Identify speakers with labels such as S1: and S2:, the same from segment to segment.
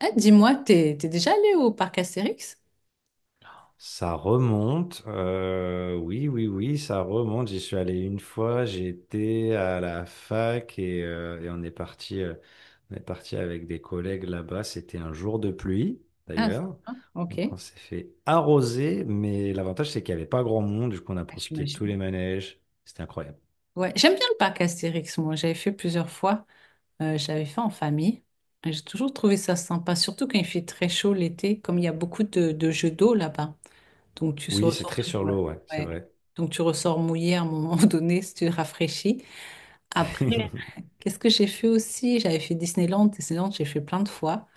S1: Ah, dis-moi, t'es déjà allé au parc Astérix?
S2: Ça remonte, oui, oui, oui, ça remonte. J'y suis allé une fois, j'étais à la fac et on est parti avec des collègues là-bas. C'était un jour de pluie,
S1: Ah,
S2: d'ailleurs. Donc
S1: ok.
S2: on s'est fait arroser, mais l'avantage c'est qu'il n'y avait pas grand monde, du coup on a
S1: Ah,
S2: profité de tous les
S1: j'imagine.
S2: manèges. C'était incroyable.
S1: Ouais, j'aime bien le parc Astérix, moi. J'avais fait plusieurs fois. J'avais fait en famille. Et j'ai toujours trouvé ça sympa, surtout quand il fait très chaud l'été, comme il y a beaucoup de jeux d'eau là-bas. Donc tu se
S2: Oui, c'est
S1: ressors
S2: très
S1: toujours.
S2: sur
S1: Ouais.
S2: l'eau, ouais, c'est
S1: Ouais.
S2: vrai.
S1: Donc tu ressors mouillé à un moment donné si tu te rafraîchis. Après, ouais. Qu'est-ce que j'ai fait aussi? J'avais fait Disneyland. Disneyland, j'ai fait plein de fois.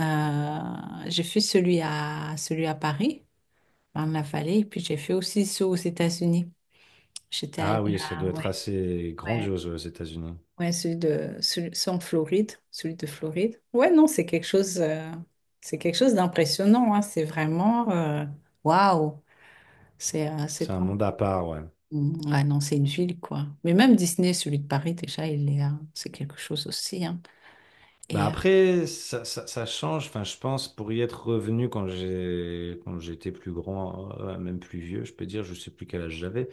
S1: J'ai fait celui à, celui à Paris. Ben, il en a fallu. Et puis j'ai fait aussi ceux aux États-Unis. J'étais allée
S2: Ah oui, ça doit
S1: à
S2: être
S1: ouais,
S2: assez
S1: ouais,
S2: grandiose aux États-Unis.
S1: ouais, celui de celui, ceux en Floride, celui de Floride. Ouais, non, c'est quelque chose d'impressionnant, hein. C'est vraiment waouh. C'est
S2: C'est un
S1: pas.
S2: monde à part, ouais.
S1: Mm, ah non, c'est une ville quoi. Mais même Disney, celui de Paris déjà, il est, c'est quelque chose aussi, hein.
S2: Bah
S1: Et
S2: après, ça change. Enfin, je pense pour y être revenu quand j'étais plus grand, même plus vieux, je peux dire, je sais plus quel âge j'avais.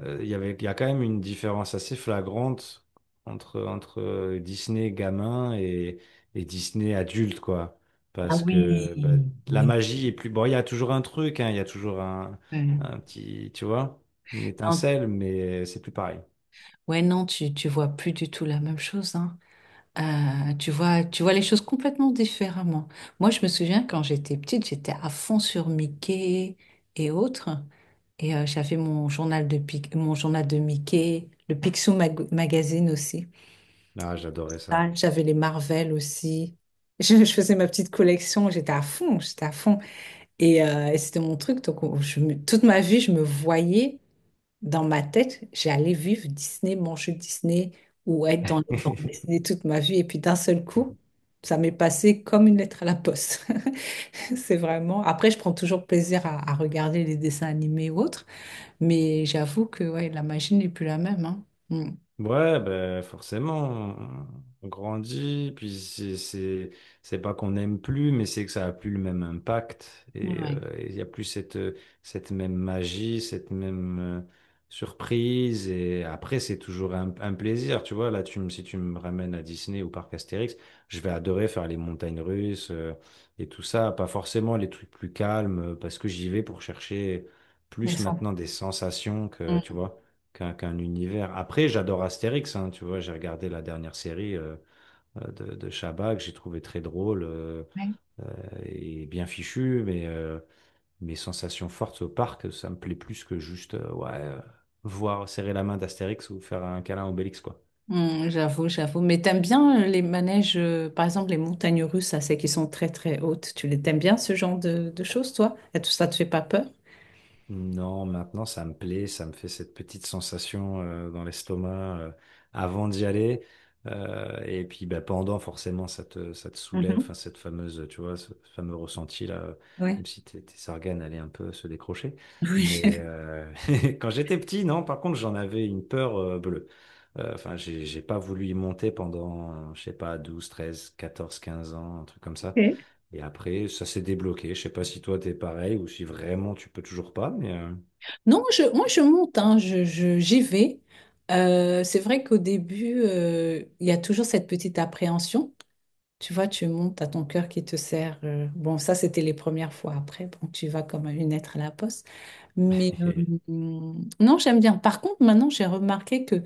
S2: Il y avait, il y a quand même une différence assez flagrante entre Disney gamin et Disney adulte, quoi.
S1: ah
S2: Parce
S1: oui,
S2: que bah, la
S1: oui.
S2: magie est plus. Bon, il y a toujours un truc, hein, il y a toujours un
S1: Ouais,
S2: un petit, tu vois, une
S1: non, tu
S2: étincelle, mais c'est plus pareil.
S1: ouais, non, tu vois plus du tout la même chose, hein. Tu vois les choses complètement différemment. Moi, je me souviens quand j'étais petite, j'étais à fond sur Mickey et autres. Et j'avais mon journal de mon journal de Mickey, le Picsou Magazine aussi.
S2: Ah, j'adorais ça.
S1: Ah. J'avais les Marvel aussi. Je faisais ma petite collection, j'étais à fond, j'étais à fond. Et c'était mon truc. Donc, toute ma vie, je me voyais. Dans ma tête, j'allais vivre Disney, manger Disney ou être dans les bandes dessinées toute ma vie. Et puis d'un seul coup, ça m'est passé comme une lettre à la poste. C'est vraiment. Après, je prends toujours plaisir à regarder les dessins animés ou autres, mais j'avoue que ouais, la magie n'est plus la même, hein. Mm.
S2: Ouais, ben forcément, on grandit, puis c'est pas qu'on n'aime plus, mais c'est que ça a plus le même impact
S1: Ouais.
S2: et il y a plus cette cette même magie, cette même surprise et après c'est toujours un plaisir, tu vois. Là, tu me si tu me ramènes à Disney ou parc Astérix, je vais adorer faire les montagnes russes et tout ça, pas forcément les trucs plus calmes parce que j'y vais pour chercher
S1: Elles
S2: plus
S1: sont-
S2: maintenant des sensations que tu
S1: mm.
S2: vois qu'un univers. Après, j'adore Astérix, hein, tu vois, j'ai regardé la dernière série de Chabat que j'ai trouvé très drôle
S1: Ouais.
S2: euh, et bien fichu, mais mes sensations fortes au parc, ça me plaît plus que juste voir serrer la main d'Astérix ou faire un câlin à Obélix, quoi.
S1: Mm, j'avoue, j'avoue. Mais t'aimes bien les manèges, par exemple les montagnes russes, ça, c'est qui sont très très hautes. Tu les t'aimes bien ce genre de choses, toi? Et tout ça te fait pas peur?
S2: Non, maintenant ça me plaît, ça me fait cette petite sensation dans l'estomac avant d'y aller. Et puis bah, pendant, forcément, ça te soulève,
S1: Mhm.
S2: enfin, cette fameuse, tu vois, ce fameux ressenti là,
S1: Ouais.
S2: même si tes organes allaient un peu se décrocher.
S1: Oui.
S2: Mais quand j'étais petit, non, par contre, j'en avais une peur bleue. Enfin, j'ai pas voulu y monter pendant, je sais pas, 12, 13, 14, 15 ans, un truc comme ça.
S1: Ok.
S2: Et après, ça s'est débloqué. Je sais pas si toi t'es pareil ou si vraiment tu peux toujours pas, mais
S1: Non, je, moi je monte, hein, je, j'y vais. C'est vrai qu'au début, il y a toujours cette petite appréhension. Tu vois, tu montes à ton cœur qui te serre. Bon, ça, c'était les premières fois. Après, bon, tu vas comme une lettre à la poste. Mais
S2: euh,
S1: non, j'aime bien. Par contre, maintenant, j'ai remarqué que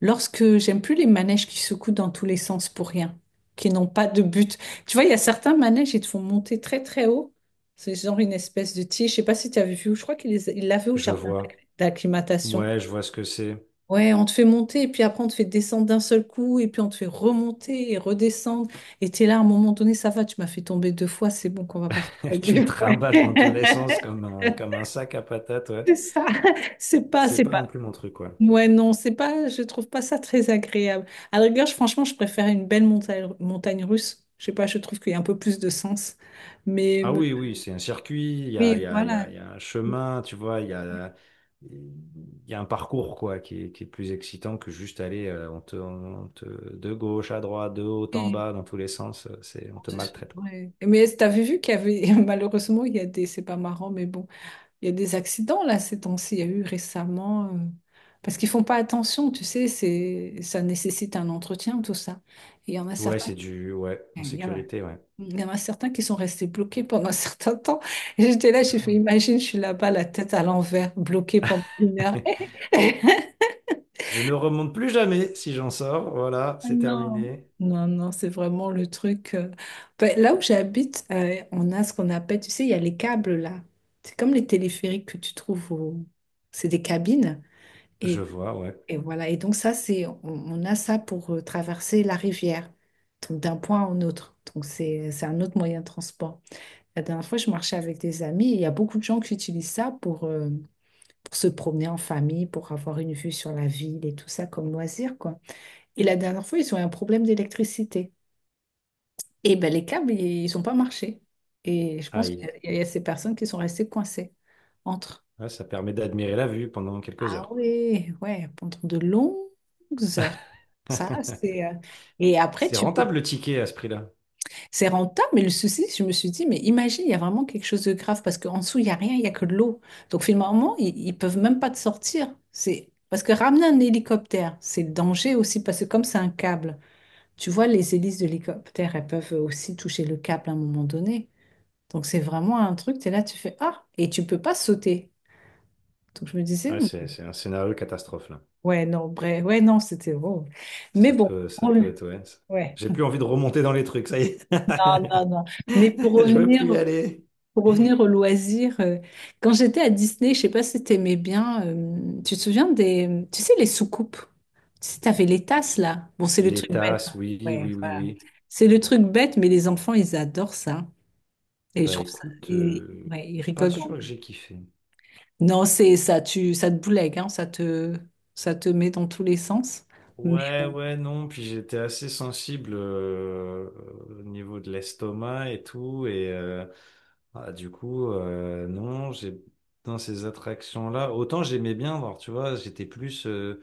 S1: lorsque j'aime plus les manèges qui secouent dans tous les sens pour rien, qui n'ont pas de but. Tu vois, il y a certains manèges, ils te font monter très, très haut. C'est genre une espèce de tige. Je sais pas si tu avais vu. Je crois il l'avait au
S2: je
S1: jardin
S2: vois.
S1: d'acclimatation.
S2: Ouais, je vois ce que c'est.
S1: Ouais, on te fait monter et puis après on te fait descendre d'un seul coup et puis on te fait remonter et redescendre. Et t'es là, à un moment donné, ça va, tu m'as fait tomber deux fois, c'est bon qu'on va pas faire ça
S2: Tu me
S1: deux fois.
S2: trimbales dans tous les sens comme un sac à patates, ouais.
S1: C'est ça, c'est pas,
S2: C'est
S1: c'est
S2: pas non
S1: pas.
S2: plus mon truc, quoi.
S1: Ouais, non, c'est pas, je trouve pas ça très agréable. À la rigueur, franchement, je préfère une belle montagne russe. Je sais pas, je trouve qu'il y a un peu plus de sens. Mais
S2: Ah
S1: me-
S2: oui, oui, c'est un circuit, il y a, il
S1: oui,
S2: y a, il y a,
S1: voilà.
S2: il y a un chemin, tu vois, il y a un parcours, quoi, qui est plus excitant que juste aller, de gauche à droite, de haut en
S1: Et-
S2: bas, dans tous les sens, on te maltraite, quoi.
S1: ouais. Mais t'avais vu qu'il y avait, malheureusement, il y a des, c'est pas marrant, mais bon. Il y a des accidents là ces temps-ci. Il y a eu récemment parce qu'ils font pas attention, tu sais, c'est ça nécessite un entretien tout ça. Et il y en a
S2: Ouais,
S1: certains,
S2: en
S1: il y en a,
S2: sécurité, ouais.
S1: il y en a certains qui sont restés bloqués pendant un certain temps. Et j'étais là, j'ai fait, imagine, je suis là-bas, la tête à l'envers, bloquée pendant une heure.
S2: Je ne remonte plus jamais si j'en sors. Voilà,
S1: Ah
S2: c'est
S1: non.
S2: terminé.
S1: Non, non, c'est vraiment le truc. Ben, là où j'habite, on a ce qu'on appelle, tu sais, il y a les câbles là. C'est comme les téléphériques que tu trouves au- C'est des cabines.
S2: Je
S1: Et
S2: vois, ouais.
S1: Et voilà, et donc ça, c'est, on a ça pour traverser la rivière, donc d'un point à un autre. Donc c'est un autre moyen de transport. La dernière fois, je marchais avec des amis et il y a beaucoup de gens qui utilisent ça pour se promener en famille, pour avoir une vue sur la ville et tout ça comme loisir, quoi. Et la dernière fois, ils ont eu un problème d'électricité. Et ben les câbles, ils n'ont pas marché. Et je pense qu'il
S2: Aïe.
S1: y a il y a ces personnes qui sont restées coincées entre.
S2: Ouais, ça permet d'admirer la vue pendant quelques
S1: Ah
S2: heures, quoi.
S1: ouais, ouais, pendant de longues heures. Ça, c'est... Et après,
S2: C'est
S1: tu peux...
S2: rentable le ticket à ce prix-là.
S1: C'est rentable, mais le souci, je me suis dit, mais imagine, il y a vraiment quelque chose de grave, parce qu'en dessous, il n'y a rien, il n'y a que de l'eau. Donc finalement, ils peuvent même pas te sortir. C'est... Parce que ramener un hélicoptère, c'est le danger aussi, parce que comme c'est un câble, tu vois, les hélices de l'hélicoptère, elles peuvent aussi toucher le câble à un moment donné. Donc c'est vraiment un truc, tu es là, tu fais, ah, et tu peux pas sauter. Donc je me disais, hmm,
S2: C'est un scénario catastrophe, là.
S1: ouais, non, bref, ouais, non, c'était horrible. Mais bon,
S2: Ça
S1: pour
S2: peut
S1: le-
S2: être, ouais.
S1: ouais,
S2: J'ai plus envie de remonter dans les trucs, ça y est.
S1: non, non, non. Mais
S2: Je veux plus y aller.
S1: pour revenir au loisir, quand j'étais à Disney, je sais pas si t'aimais bien, tu te souviens des, tu sais, les soucoupes? Tu sais, t'avais les tasses, là. Bon, c'est le
S2: Les
S1: truc bête, hein.
S2: tasses, oui,
S1: Ouais,
S2: oui, oui,
S1: voilà.
S2: oui.
S1: C'est le truc bête, mais les enfants, ils adorent ça. Et je
S2: Bah
S1: trouve ça,
S2: écoute,
S1: ils, ouais, ils
S2: pas
S1: rigolent.
S2: sûr
S1: Grand.
S2: que j'ai kiffé.
S1: Non, c'est ça, tu, ça te boulegue, hein, ça te met dans tous les sens.
S2: Ouais, ouais, non. Puis j'étais assez sensible au niveau de l'estomac et tout. Non, j'ai dans ces attractions-là, autant j'aimais bien voir, tu vois, j'étais plus euh,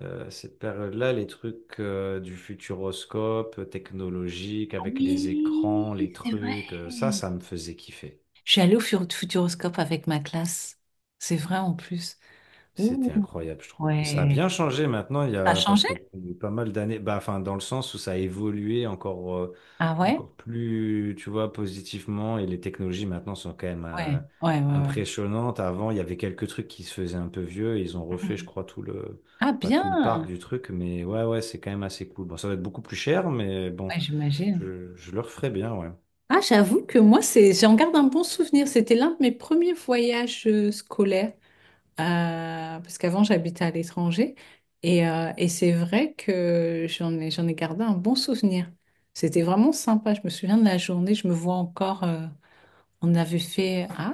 S2: euh, cette période-là, les trucs du futuroscope, technologique, avec les écrans, les
S1: Oui, c'est vrai.
S2: trucs, ça me faisait kiffer.
S1: Je suis allée au Futuroscope avec ma classe. C'est vrai en plus. Ouh,
S2: C'était incroyable, je trouve. Ça a
S1: ouais.
S2: bien changé maintenant,
S1: Ça a
S2: parce
S1: changé?
S2: que il y a eu pas mal d'années, bah, enfin, dans le sens où ça a évolué encore,
S1: Ah ouais?
S2: encore plus, tu vois, positivement, et les technologies maintenant sont quand même
S1: Ouais, ouais, ouais, ouais.
S2: impressionnantes. Avant, il y avait quelques trucs qui se faisaient un peu vieux, et ils ont refait, je
S1: Mhm.
S2: crois,
S1: Ah
S2: pas tout le parc
S1: bien.
S2: du truc, mais ouais, ouais, c'est quand même assez cool. Bon, ça va être beaucoup plus cher, mais bon,
S1: Ouais, j'imagine.
S2: je le referai bien, ouais.
S1: Ah, j'avoue que moi, c'est, j'en garde un bon souvenir. C'était l'un de mes premiers voyages scolaires. Parce qu'avant, j'habitais à l'étranger. Et c'est vrai que j'en ai gardé un bon souvenir. C'était vraiment sympa. Je me souviens de la journée. Je me vois encore. On avait fait... Ah,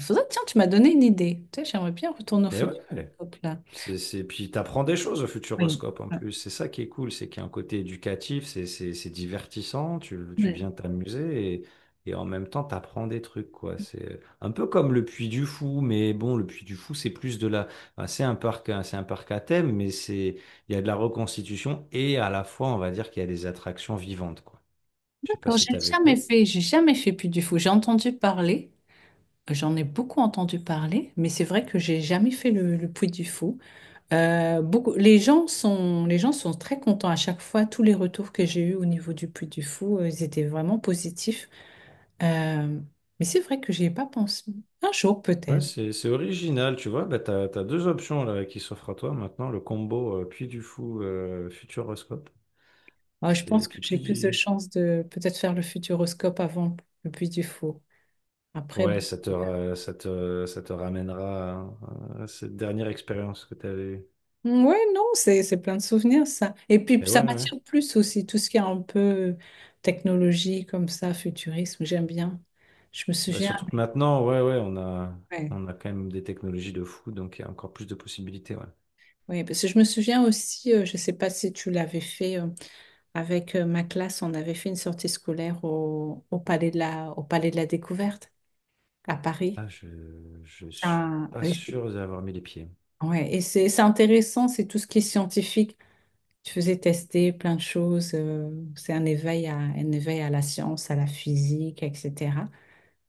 S1: faudrait... Tiens, tu m'as donné une idée. Tu sais, j'aimerais bien retourner au
S2: Et ouais.
S1: futur. Hop là.
S2: C'est... Puis t'apprends des choses au
S1: Oui.
S2: Futuroscope en plus. C'est ça qui est cool, c'est qu'il y a un côté éducatif, c'est divertissant, tu
S1: Ouais.
S2: viens t'amuser et en même temps t'apprends des trucs, quoi. C'est un peu comme le Puy du Fou, mais bon, le Puy du Fou, c'est plus de la... enfin, c'est un parc à thème, mais c'est il y a de la reconstitution et à la fois, on va dire qu'il y a des attractions vivantes, quoi. Je sais pas
S1: D'accord,
S2: si t'avais fait.
S1: j'ai jamais fait Puy du Fou. J'ai entendu parler, j'en ai beaucoup entendu parler, mais c'est vrai que j'ai jamais fait le Puy du Fou. Beaucoup, les gens sont très contents à chaque fois. Tous les retours que j'ai eus au niveau du Puy du Fou, ils étaient vraiment positifs. Euh, mais c'est vrai que j'y ai pas pensé. Un jour
S2: Ouais,
S1: peut-être.
S2: c'est original, tu vois. Bah, t'as deux options là, qui s'offrent à toi maintenant, le combo Puy du Fou Futuroscope.
S1: Ouais, je
S2: C'est
S1: pense
S2: et
S1: que
S2: puis
S1: j'ai plus de
S2: puis
S1: chances de peut-être faire le futuroscope avant le Puy du Fou. Après, bon,
S2: Ouais, ça te ra- ça te ramènera à cette dernière expérience que tu avais eue.
S1: ouais, non, c'est plein de souvenirs, ça. Et puis,
S2: Et
S1: ça
S2: ouais ouais.
S1: m'attire plus aussi, tout ce qui est un peu technologie comme ça, futurisme, j'aime bien. Je me
S2: Bah,
S1: souviens,
S2: surtout que maintenant, ouais ouais,
S1: ouais,
S2: on a quand même des technologies de fou, donc il y a encore plus de possibilités, ouais.
S1: ouais, parce que je me souviens aussi, je ne sais pas si tu l'avais fait, avec ma classe, on avait fait une sortie scolaire au, au Palais de la, au Palais de la Découverte à Paris.
S2: Ah, je suis
S1: Ça-
S2: pas
S1: et c'est-
S2: sûr d'avoir mis les pieds.
S1: ouais, et c'est intéressant, c'est tout ce qui est scientifique. Je faisais tester plein de choses. C'est un éveil à la science, à la physique, etc.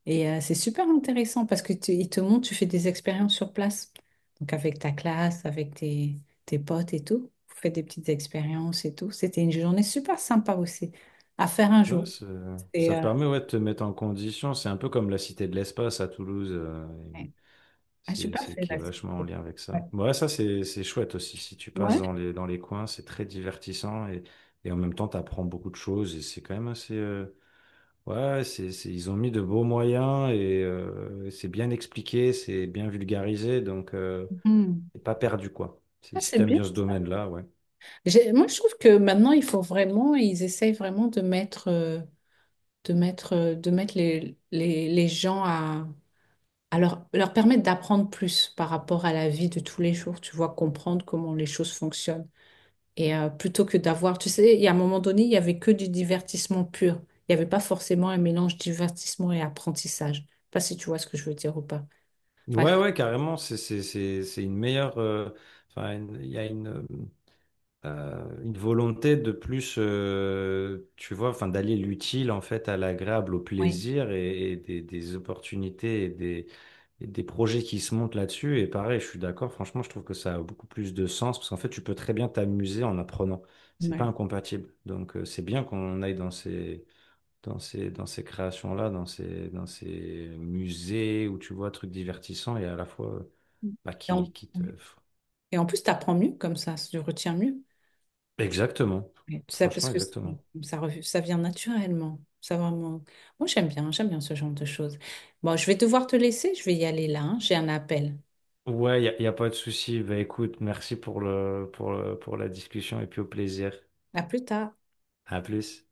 S1: Et c'est super intéressant parce que tu, ils te montrent, tu fais des expériences sur place. Donc avec ta classe, avec tes, tes potes et tout. Vous faites des petites expériences et tout. C'était une journée super sympa aussi à faire un
S2: Ouais,
S1: jour. Et,
S2: ça permet ouais, de te mettre en condition. C'est un peu comme la Cité de l'Espace à Toulouse.
S1: ouais. Ah, j'ai pas
S2: C'est
S1: fait
S2: qui est vachement en
S1: d'activité.
S2: lien avec
S1: Ouais.
S2: ça. Ouais, c'est chouette aussi. Si tu passes
S1: Ouais.
S2: dans les coins, c'est très divertissant et en même temps, tu apprends beaucoup de choses et c'est quand même assez. Ouais, ils ont mis de beaux moyens et c'est bien expliqué, c'est bien vulgarisé, donc
S1: Mhm.
S2: t'es pas perdu, quoi.
S1: Ah,
S2: Si
S1: c'est
S2: t'aimes
S1: bien
S2: bien ce
S1: ça.
S2: domaine-là, ouais.
S1: Moi, je trouve que maintenant, il faut vraiment, ils essayent vraiment de mettre... de mettre, de mettre les gens à leur, leur permettre d'apprendre plus par rapport à la vie de tous les jours, tu vois, comprendre comment les choses fonctionnent. Et plutôt que d'avoir, tu sais, il y a un moment donné, il n'y avait que du divertissement pur. Il n'y avait pas forcément un mélange divertissement et apprentissage. Je sais pas si tu vois ce que je veux dire ou pas. Par
S2: Ouais,
S1: exemple,
S2: ouais, carrément, c'est une meilleure. Enfin, il y a une. Une volonté de plus, tu vois, enfin, d'aller l'utile en fait à l'agréable, au
S1: oui.
S2: plaisir et des opportunités et des projets qui se montent là-dessus. Et pareil, je suis d'accord, franchement, je trouve que ça a beaucoup plus de sens parce qu'en fait, tu peux très bien t'amuser en apprenant. C'est pas
S1: Ouais.
S2: incompatible. Donc, c'est bien qu'on aille dans ces. Dans ces créations-là, dans ces musées où tu vois trucs divertissants et à la fois bah,
S1: Et en,
S2: qui te...
S1: oui. Et en plus, tu apprends mieux comme ça, tu retiens mieux.
S2: Exactement.
S1: Oui, ça, parce
S2: Franchement,
S1: que c-
S2: exactement.
S1: ça, rev- ça vient naturellement. Ça vraiment... Moi, j'aime bien ce genre de choses. Bon, je vais devoir te laisser, je vais y aller là, hein, j'ai un appel.
S2: Ouais, y a pas de souci. Bah écoute, merci pour pour la discussion et puis au plaisir.
S1: À plus tard.
S2: À plus.